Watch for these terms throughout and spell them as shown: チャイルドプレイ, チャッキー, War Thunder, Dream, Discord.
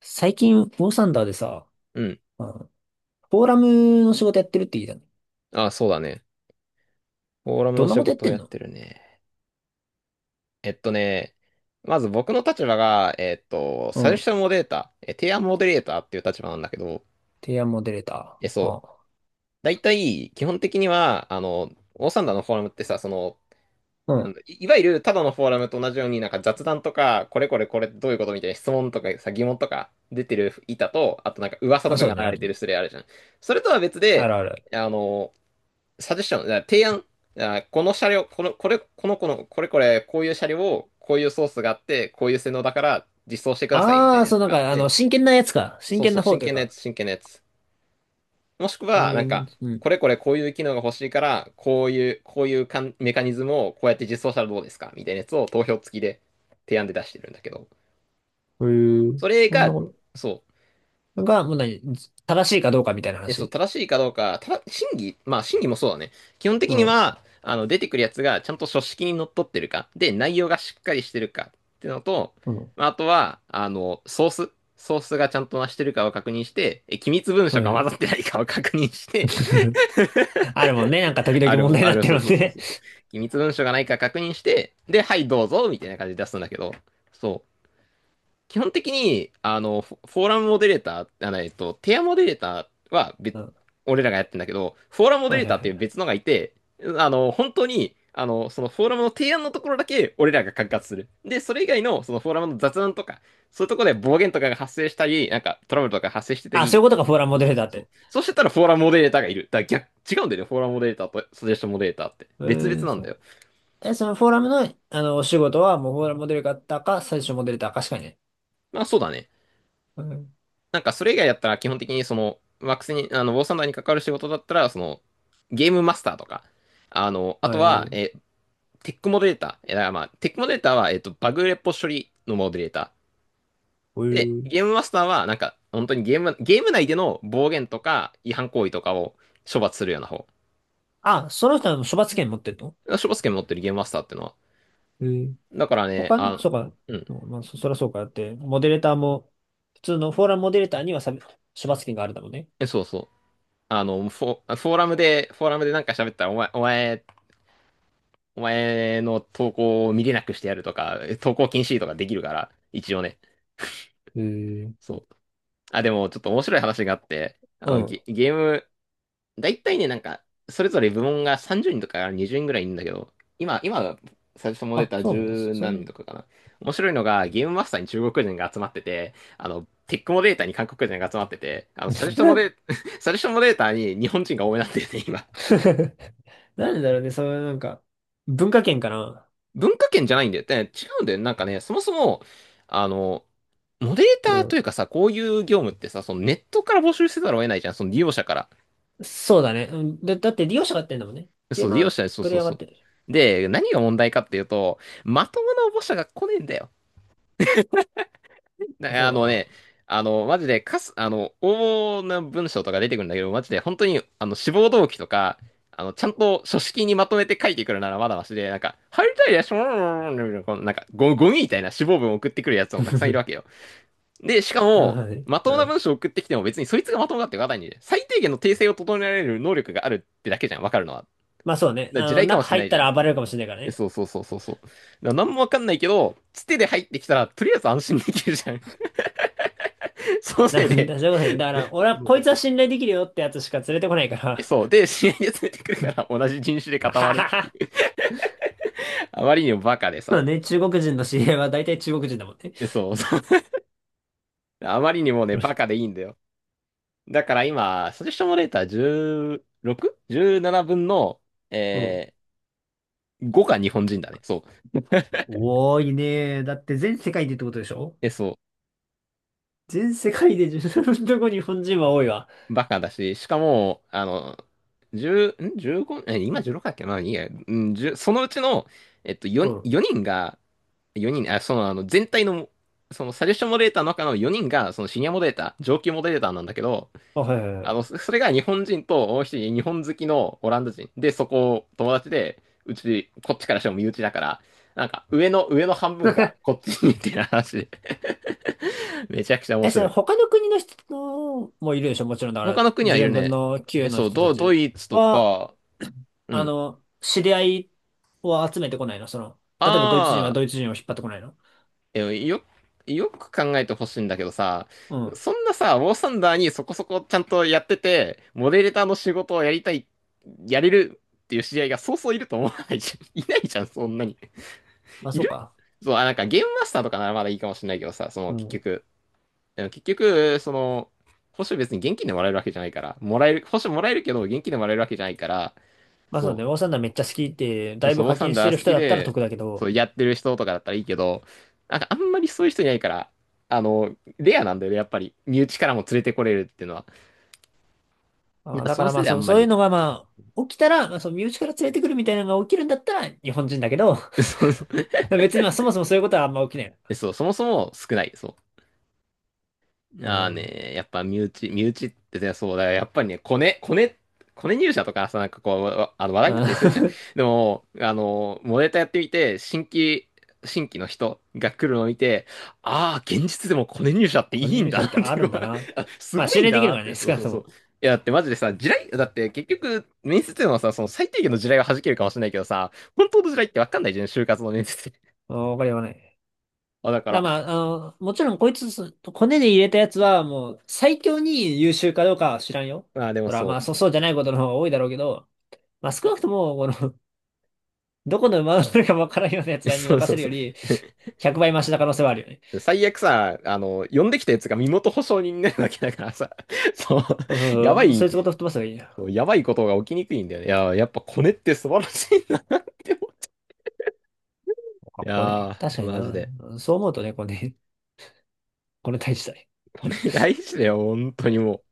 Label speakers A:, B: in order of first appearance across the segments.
A: 最近、ウォーサンダーでさ、
B: うん。
A: うん、フォーラムの仕事やってるって言いたの。
B: あ、そうだね。フォーラム
A: ど
B: の
A: んな
B: 仕
A: ことやっ
B: 事を
A: てん
B: やっ
A: の？
B: てるね。えっとね、まず僕の立場が、
A: う
B: サジェス
A: ん。
B: ションモデレーター、提案モデレーターっていう立場なんだけど、
A: 提案モデレーター。あ
B: そ
A: あ、
B: う。だいたい、基本的には、オーサンダーのフォーラムってさ、その、
A: う
B: なん
A: ん。
B: だ、いわゆるただのフォーラムと同じように、なんか雑談とか、これこれこれどういうことみたいな質問とかさ、疑問とか出てる板と、あとなんか噂と
A: あ、
B: か
A: そ
B: が
A: うね、
B: 流
A: あ
B: れ
A: る
B: てる
A: ね。
B: スレあるじゃん。それとは別
A: あ
B: で、
A: るあるある。
B: あの、サジェッション、だから提案、あこの車両、こういう車両を、こういうソースがあって、こういう性能だから実装してくださいみた
A: あ
B: い
A: あ、
B: なや
A: そう、
B: つ
A: なん
B: があっ
A: か、
B: て、
A: 真剣なやつか。真
B: そう
A: 剣
B: そう、
A: な方
B: 真
A: という
B: 剣なやつ、
A: か。
B: 真剣なやつ。もしくは、
A: 運
B: なん
A: 営に、
B: か、
A: うん。
B: これこれこういう機能が欲しいから、こういうかんメカニズムをこうやって実装したらどうですかみたいなやつを投票付きで提案で出してるんだけど、
A: へえ、
B: それ
A: こんな
B: が、
A: こ
B: そう、
A: とが、もう何、正しいかどうかみたいな
B: そう、
A: 話。
B: 正しいかどうか、ただ、審議、まあ、審議もそうだね。基本的
A: う
B: に
A: ん。
B: は、出てくるやつがちゃんと書式にのっとってるか、で、内容がしっかりしてるかっていうのと、
A: うん。
B: まあ、あとは、ソースがちゃんとなしてるかを確認して、機密文書
A: は
B: が混
A: い。
B: ざってないかを確認して、
A: あるもんね。なんか、時 々問題になってる
B: そ
A: も
B: う
A: ん
B: そうそう
A: ね。
B: そうそう、機密文書がないか確認して、で、はい、どうぞ、みたいな感じで出すんだけど、そう。基本的に、フォーラムモデレーター、テアモデレーターは別、
A: うん。
B: 俺らがやってんだけど、フォーラムモデ
A: は
B: レ
A: い
B: ー
A: はい
B: ターっ
A: は
B: ていう
A: い。
B: 別のがいて、本当に、そのフォーラムの提案のところだけ俺らが管轄する。で、それ以外の、そのフォーラムの雑談とか、そういうところで暴言とかが発生したり、なんかトラブルとか発生してた
A: あ、そうい
B: り、
A: うことか、フォーラム
B: そ
A: モ
B: う
A: デ
B: そ
A: レ
B: う
A: ーター
B: そ
A: っ
B: うそう。
A: て。
B: そうしてたらフォーラムモデレーターがいる。だから逆、違うんだよね、フォーラムモデレーターとサジェストモデレーターって。別々
A: ええ、
B: なん
A: そ
B: だよ。
A: う。え、そのフォーラムの、お仕事は、もうフォーラムモデルだったか、最初モデルだったかしかいない。
B: まあそうだね。
A: はい。
B: なんかそれ以外だったら基本的にその、ワックスに、あの、ウォーサンダーに関わる仕事だったら、その、ゲームマスターとか、あと
A: あ、
B: は、
A: ー
B: テックモデレーター。だからまあ、テックモデレーターは、バグレポ処理のモデレータ
A: え
B: ー。で、
A: ー、
B: ゲームマスターは、なんか、本当にゲーム内での暴言とか違反行為とかを処罰するような方。
A: あ、その人はもう処罰権持ってるの？
B: 処罰権持ってるゲームマスターってのは。
A: えー、
B: だからね、
A: 他の、そ
B: あ、
A: うか、
B: うん、
A: そうまあ、そらそうかだって、モデレーターも、普通のフォーラムモデレーターにはさ、処罰権があるだもんね。
B: そうそう。フォーラムで、なんか喋ったら、お前の投稿を見れなくしてやるとか、投稿禁止とかできるから、一応ね。
A: えー、
B: そう。あ、でもちょっと面白い話があって、
A: うん。
B: ゲ、ゲーム、だいたいね、なんか、それぞれ部門が30人とか20人ぐらいいるんだけど、今、最初も出
A: あ、
B: た
A: そうなんだ。そ
B: 10
A: そうな
B: 何人
A: ん
B: と
A: だ。
B: かかな。面白いのが、ゲームマスターに中国人が集まってて、テックモデーターに韓国人が集まってて、サジェストモデ、サジェストモデーターに日本人が多めになってて、今。
A: なんでだろうね、そういうなんか、文化圏かな。
B: 文化圏じゃないんだよ。で違うんだよ。なんかね、そもそも、あの、モデレータ
A: う
B: ーと
A: ん。
B: いうかさ、こういう業務ってさ、そのネットから募集せざるを得ないじゃん、その利用者から。
A: そうだね。うん、で、だって利用者がやってんだもんね。ゲ
B: そ
A: ー
B: う、利
A: マ
B: 用
A: ー、
B: 者、そう
A: プ
B: そ
A: レイ
B: う
A: ヤーが
B: そ
A: やっ
B: う。
A: てる。
B: で、何が問題かっていうと、まともな応募者が来ねえんだよ。
A: あ
B: だ
A: そう
B: あのね、
A: だ
B: あの、マジで、かす、あの、応募の文章とか出てくるんだけど、マジで、本当に、志望動機とか、ちゃんと書式にまとめて書いてくるならまだましで、なんか、入りたいです、なんか、ゴミみたいな志望文を送ってくるやつも
A: な。
B: たくさんいる わけよ。で、しか
A: あ
B: も、
A: のね。
B: まと
A: う
B: もな
A: ん。
B: 文章を送ってきても別にそいつがまともだってわかんないんで、最低限の訂正を整えられる能力があるってだけじゃん、わかるのは。だか
A: まあそうね。
B: ら地雷かも
A: 中
B: しれ
A: 入
B: な
A: っ
B: い
A: た
B: じゃん。
A: ら暴れるかもしれないから
B: で
A: ね。
B: そうそうそうそうそう。だから何もわかんないけど、つてで入ってきたら、とりあえず安心できるじゃん。その
A: な
B: せい
A: る
B: で、
A: ほ そういうことね。だから、俺は
B: そう
A: こ
B: そ
A: い
B: う
A: つ
B: そ
A: は
B: う。
A: 信頼できるよってやつしか連れてこないから。
B: そう。で、知り合いで連れてくるから、同じ人種で 固ま
A: は
B: る。
A: はは。
B: あまりにもバカで
A: まあ
B: さ。
A: ね、中国人の知り合いは大体中国人だもんね。
B: で、そうそう。あまりにもね、バカでいいんだよ。だから今、サジェスションモデレーター 16?17 分の、
A: うん。
B: え5が日本人だね。そう。
A: 多いね。だって全世界でってことでしょ？
B: そ
A: 全世界で自分のとこ日本人は多いわ。
B: う、バカだし、しかも、1ん ?15、
A: う
B: 今
A: ん。
B: 16だっけまあいいや、うん、1そのうちの、
A: う
B: 4、
A: ん
B: 四人が、4人、全体の、サジェスションモデレーターの中の4人が、その、シニアモデレーター、上級モデレーターなんだけど、
A: あ、はいはいはい。
B: それが日本人と、もう一人、日本好きのオランダ人。で、そこ、友達で、うち、こっちからしても身内だから、なんか、上の半分が、こっちにっていう話で、めちゃくちゃ 面
A: え、そ
B: 白
A: れ
B: い。
A: 他の国の人のもいるでしょ？もちろんだか
B: 他
A: ら、
B: の国はい
A: 14
B: る
A: 分
B: ね。
A: の9の
B: そう、
A: 人た
B: ド
A: ち
B: イツと
A: は、
B: か、うん。
A: 知り合いを集めてこないの？その、例えばドイツ人は
B: ああ、
A: ドイツ人を引っ張ってこないの？
B: え、よ、よく考えてほしいんだけどさ、
A: うん。
B: そんなさ、ウォーサンダーにそこそこちゃんとやってて、モデレーターの仕事をやりたい、やれるっていう知り合いがそうそういると思わないじゃん。いないじゃん、そんなに。
A: まあ、
B: い
A: そう
B: る
A: か。
B: そう、あ、なんかゲームマスターとかならまだいいかもしれないけどさ、そ
A: う
B: の結
A: ん。
B: 局、でも結局、その、報酬別に現金でもらえるわけじゃないから、もらえる、報酬もらえるけど、現金でもらえるわけじゃないから、
A: まあ、そうね。
B: そ
A: オー
B: う。
A: サンダーめっちゃ好きって、だい
B: そ
A: ぶ
B: う、ウォー
A: 課
B: サン
A: 金して
B: ダ
A: る
B: ー好
A: 人
B: き
A: だったら
B: で、
A: 得だけ
B: そう、
A: ど、
B: やってる人とかだったらいいけど、なんかあんまりそういう人いないから、レアなんだよね、やっぱり。身内からも連れてこれるっていうのは。なん
A: まあ
B: か
A: だ
B: そ
A: か
B: の
A: ら
B: せ
A: ま
B: い
A: あ、
B: であ
A: そう、
B: んま
A: そう
B: り
A: い
B: い
A: う
B: な
A: の
B: い。
A: がまあ、起きたら、まあ、そう、身内から連れてくるみたいなのが起きるんだったら、日本人だけど、
B: そうそう、
A: 別にまあ、そもそもそういうことはあんま起きない。
B: そうそもそも少ない。そう。
A: なる
B: あ
A: ほ
B: あ
A: どね。
B: ね、やっぱ身内、ってね、そうだよ。やっぱりね、コネ入社とかさ、なんかこう、わあの話題になっ
A: うん。
B: たりするじゃん。でも、モデルやってみて、新規の人が来るのを見て、ああ、現実でもコネ入社ってい
A: 個
B: い
A: 人
B: ん
A: 入
B: だ
A: 社っ
B: なっ
A: てあ
B: て、
A: るんだなって。
B: す
A: まあ、
B: ご
A: 信
B: いん
A: 頼
B: だ
A: できる
B: な
A: か
B: っ
A: らね、
B: て、そう
A: 少な
B: そ
A: く
B: う
A: と
B: そう。
A: も。
B: いや、だってマジでさ、だって結局、面接でもさ、その最低限の地雷は弾けるかもしれないけどさ、本当の地雷ってわかんないじゃん、就活の面接で。
A: うんわかりはない。
B: あ、だか
A: だま
B: ら、
A: あ、もちろんこいつ、骨に入れたやつはもう最強に優秀かどうかは知らんよ。
B: ああ、でも
A: ほら、ま
B: そ
A: あ、
B: う。
A: そう、そうじゃないことの方が多いだろうけど、まあ少なくとも、この、どこの馬が乗のかわからんような奴 らに
B: そう
A: 任
B: そ
A: せ
B: う
A: る
B: そ
A: よ
B: う。
A: り、100倍マシな可能性はあるよね。
B: 最悪さ、呼んできたやつが身元保証人になるわけだからさ、そう、
A: そうそ
B: や
A: う
B: ば
A: そう、
B: い、
A: そいつごと吹っ飛ばせばいいよ。
B: やばいことが起きにくいんだよね。いややっぱコネって素晴らしいなって思う。
A: あ
B: い
A: 骨
B: や
A: 確
B: ー、
A: かに
B: マジ
A: な。
B: で。
A: そう思うとね、骨、骨大事だね。
B: コネ 大事だよ、本当にも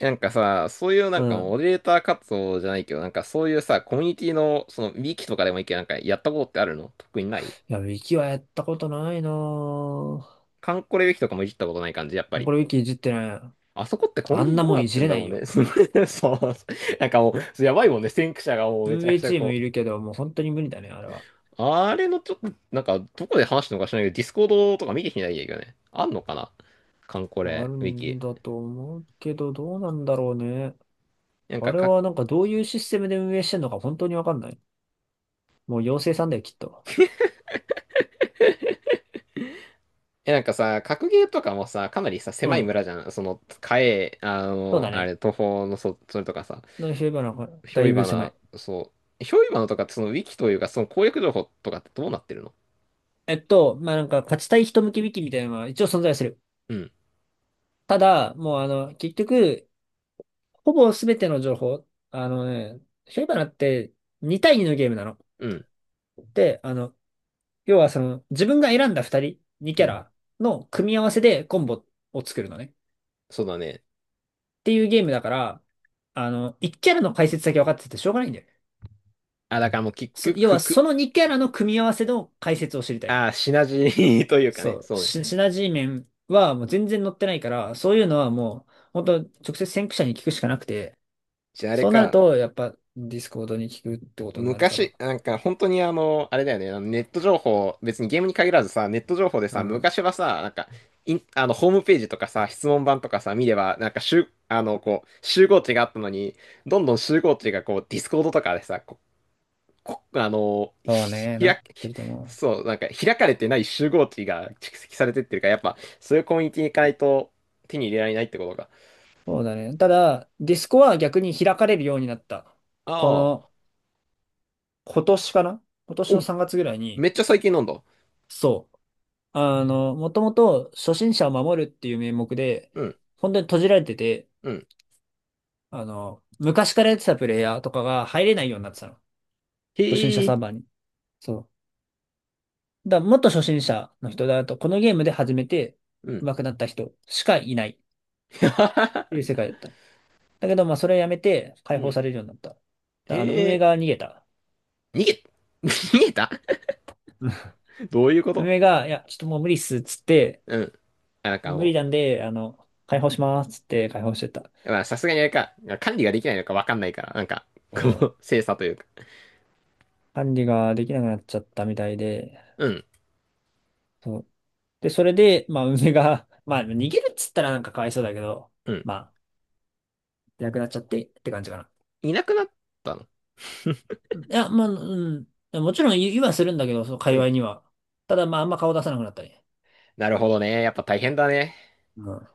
B: う。なんかさ、そういうなん
A: う
B: かモ
A: ん。
B: デレーター活動じゃないけど、なんかそういうさ、コミュニティの、ウィキとかでもいいけど、なんかやったことってあるの特にない？
A: いや、ウィキはやったことないなぁ。
B: カンコレウィキとかもいじったことない感じ、やっぱり。
A: これウィキいじってない。
B: あそこってコミ
A: あ
B: ュニ
A: んな
B: ティどう
A: も
B: な
A: んい
B: って
A: じ
B: ん
A: れ
B: だ
A: な
B: ろ
A: い
B: う
A: よ。
B: ね。そう、なんかもう、やばいもんね、先駆者がもうめち
A: 運
B: ゃく
A: 営
B: ちゃ
A: チーム
B: こ
A: いる
B: う。
A: けど、もう本当に無理だね、あれは。
B: あれのちょっと、なんか、どこで話したのか知らないけど、ディスコードとか見てきてないんだけどね。あんのかなカンコ
A: あ
B: レ、
A: る
B: ウィキ。
A: んだと思うけど、どうなんだろうね。
B: なん
A: あ
B: か、
A: れはなんかどういうシステムで運営してんのか本当にわかんない。もう妖精さんだよ、きっと。
B: なんかさ、格ゲーとかもさ、かなりさ、
A: う
B: 狭い
A: ん。
B: 村じゃん。その、カエ、あ
A: そう
B: の、
A: だ
B: あ
A: ね。
B: れ、東方の、それとかさ、
A: のフィなんか
B: ひ
A: だ
B: ょ
A: い
B: い
A: ぶ
B: ば
A: 狭
B: な、
A: い。
B: そう、ひょいばなとか、ウィキというか、その攻略情報とかってどうなってるの？
A: まあ、なんか勝ちたい人向き引きみたいなのは一応存在する。
B: うん、
A: ただ、もう結局、ほぼ全ての情報、あのね、フィーバナって2対2のゲームなの。
B: うん、
A: で、要はその、自分が選んだ2人、2
B: う
A: キャ
B: ん。
A: ラの組み合わせでコンボを作るのね。
B: そうだね。
A: っていうゲームだから、1キャラの解説だけ分かっててしょうがないんだよね。
B: あ、だからもう、キック、
A: 要
B: ク
A: は、そ
B: ク、
A: の2キャラの組み合わせの解説を知りたいの。
B: あ、シナジー というか
A: そ
B: ね、
A: う。
B: そうね。
A: シナジー面はもう全然載ってないから、そういうのはもう、本当直接先駆者に聞くしかなくて、
B: じゃああれ
A: そうなる
B: か。
A: と、やっぱ、ディスコードに聞くってことになるから。
B: 昔、なんか本当にあれだよね、ネット情報、別にゲームに限らずさ、ネット情報で
A: う
B: さ、
A: ん。
B: 昔はさ、なんか、インあの、ホームページとかさ、質問板とかさ、見れば、なんか集、あの、こう、集合値があったのに、どんどん集合値がこう、ディスコードとかでさ、こ、こ、あの、
A: そうね、
B: ひ
A: なっ
B: 開け、
A: てると思う。
B: そう、なんか開かれてない集合値が蓄積されてってるから、やっぱ、そういうコミュニティに行かないと手に入れられないってことか。
A: そうだね。ただ、ディスコは逆に開かれるようになった。こ
B: ああ、
A: の、今年かな？今年の
B: お、
A: 3月ぐらいに、
B: めっちゃ最近飲んだ。
A: そう。もともと初心者を守るっていう名目で、
B: うん、
A: 本当に閉じられてて、
B: うん。
A: 昔からやってたプレイヤーとかが入れないようになってたの。
B: へ
A: 初心者
B: え、
A: サーバーに。そう。だからもっと初心者の人だと、このゲームで初めて
B: うん。
A: 上手くなった人しかいないっていう 世界だっただけど、まあ、それをやめて解
B: う
A: 放
B: ん。
A: されるようになった。だから運営
B: え
A: が逃げた。
B: ー、逃げ、逃げた
A: うん
B: どういうこと？
A: 運営が、いや、ちょっともう無理っす、つって、
B: うん。あなんか
A: 無理
B: も
A: なんで、解放します、つって解放してた。
B: う、まあさすがにあれか、管理ができないのかわかんないから、なんか、こ
A: そう
B: う、精査というか。
A: 管理ができなくなっちゃったみたいで、
B: うん、
A: そう。で、それで、まあ、梅が、まあ、逃げるっつったらなんかかわいそうだけど、
B: うん。
A: まあ、いなくなっちゃってって感じかな。
B: いなくなったの？
A: うんいや、まあ、うん。もちろん言いはするんだけど、その界
B: う
A: 隈
B: ん。
A: には。ただ、まあ、あんま顔出さなくなったり。
B: なるほどね。やっぱ大変だね。
A: うん。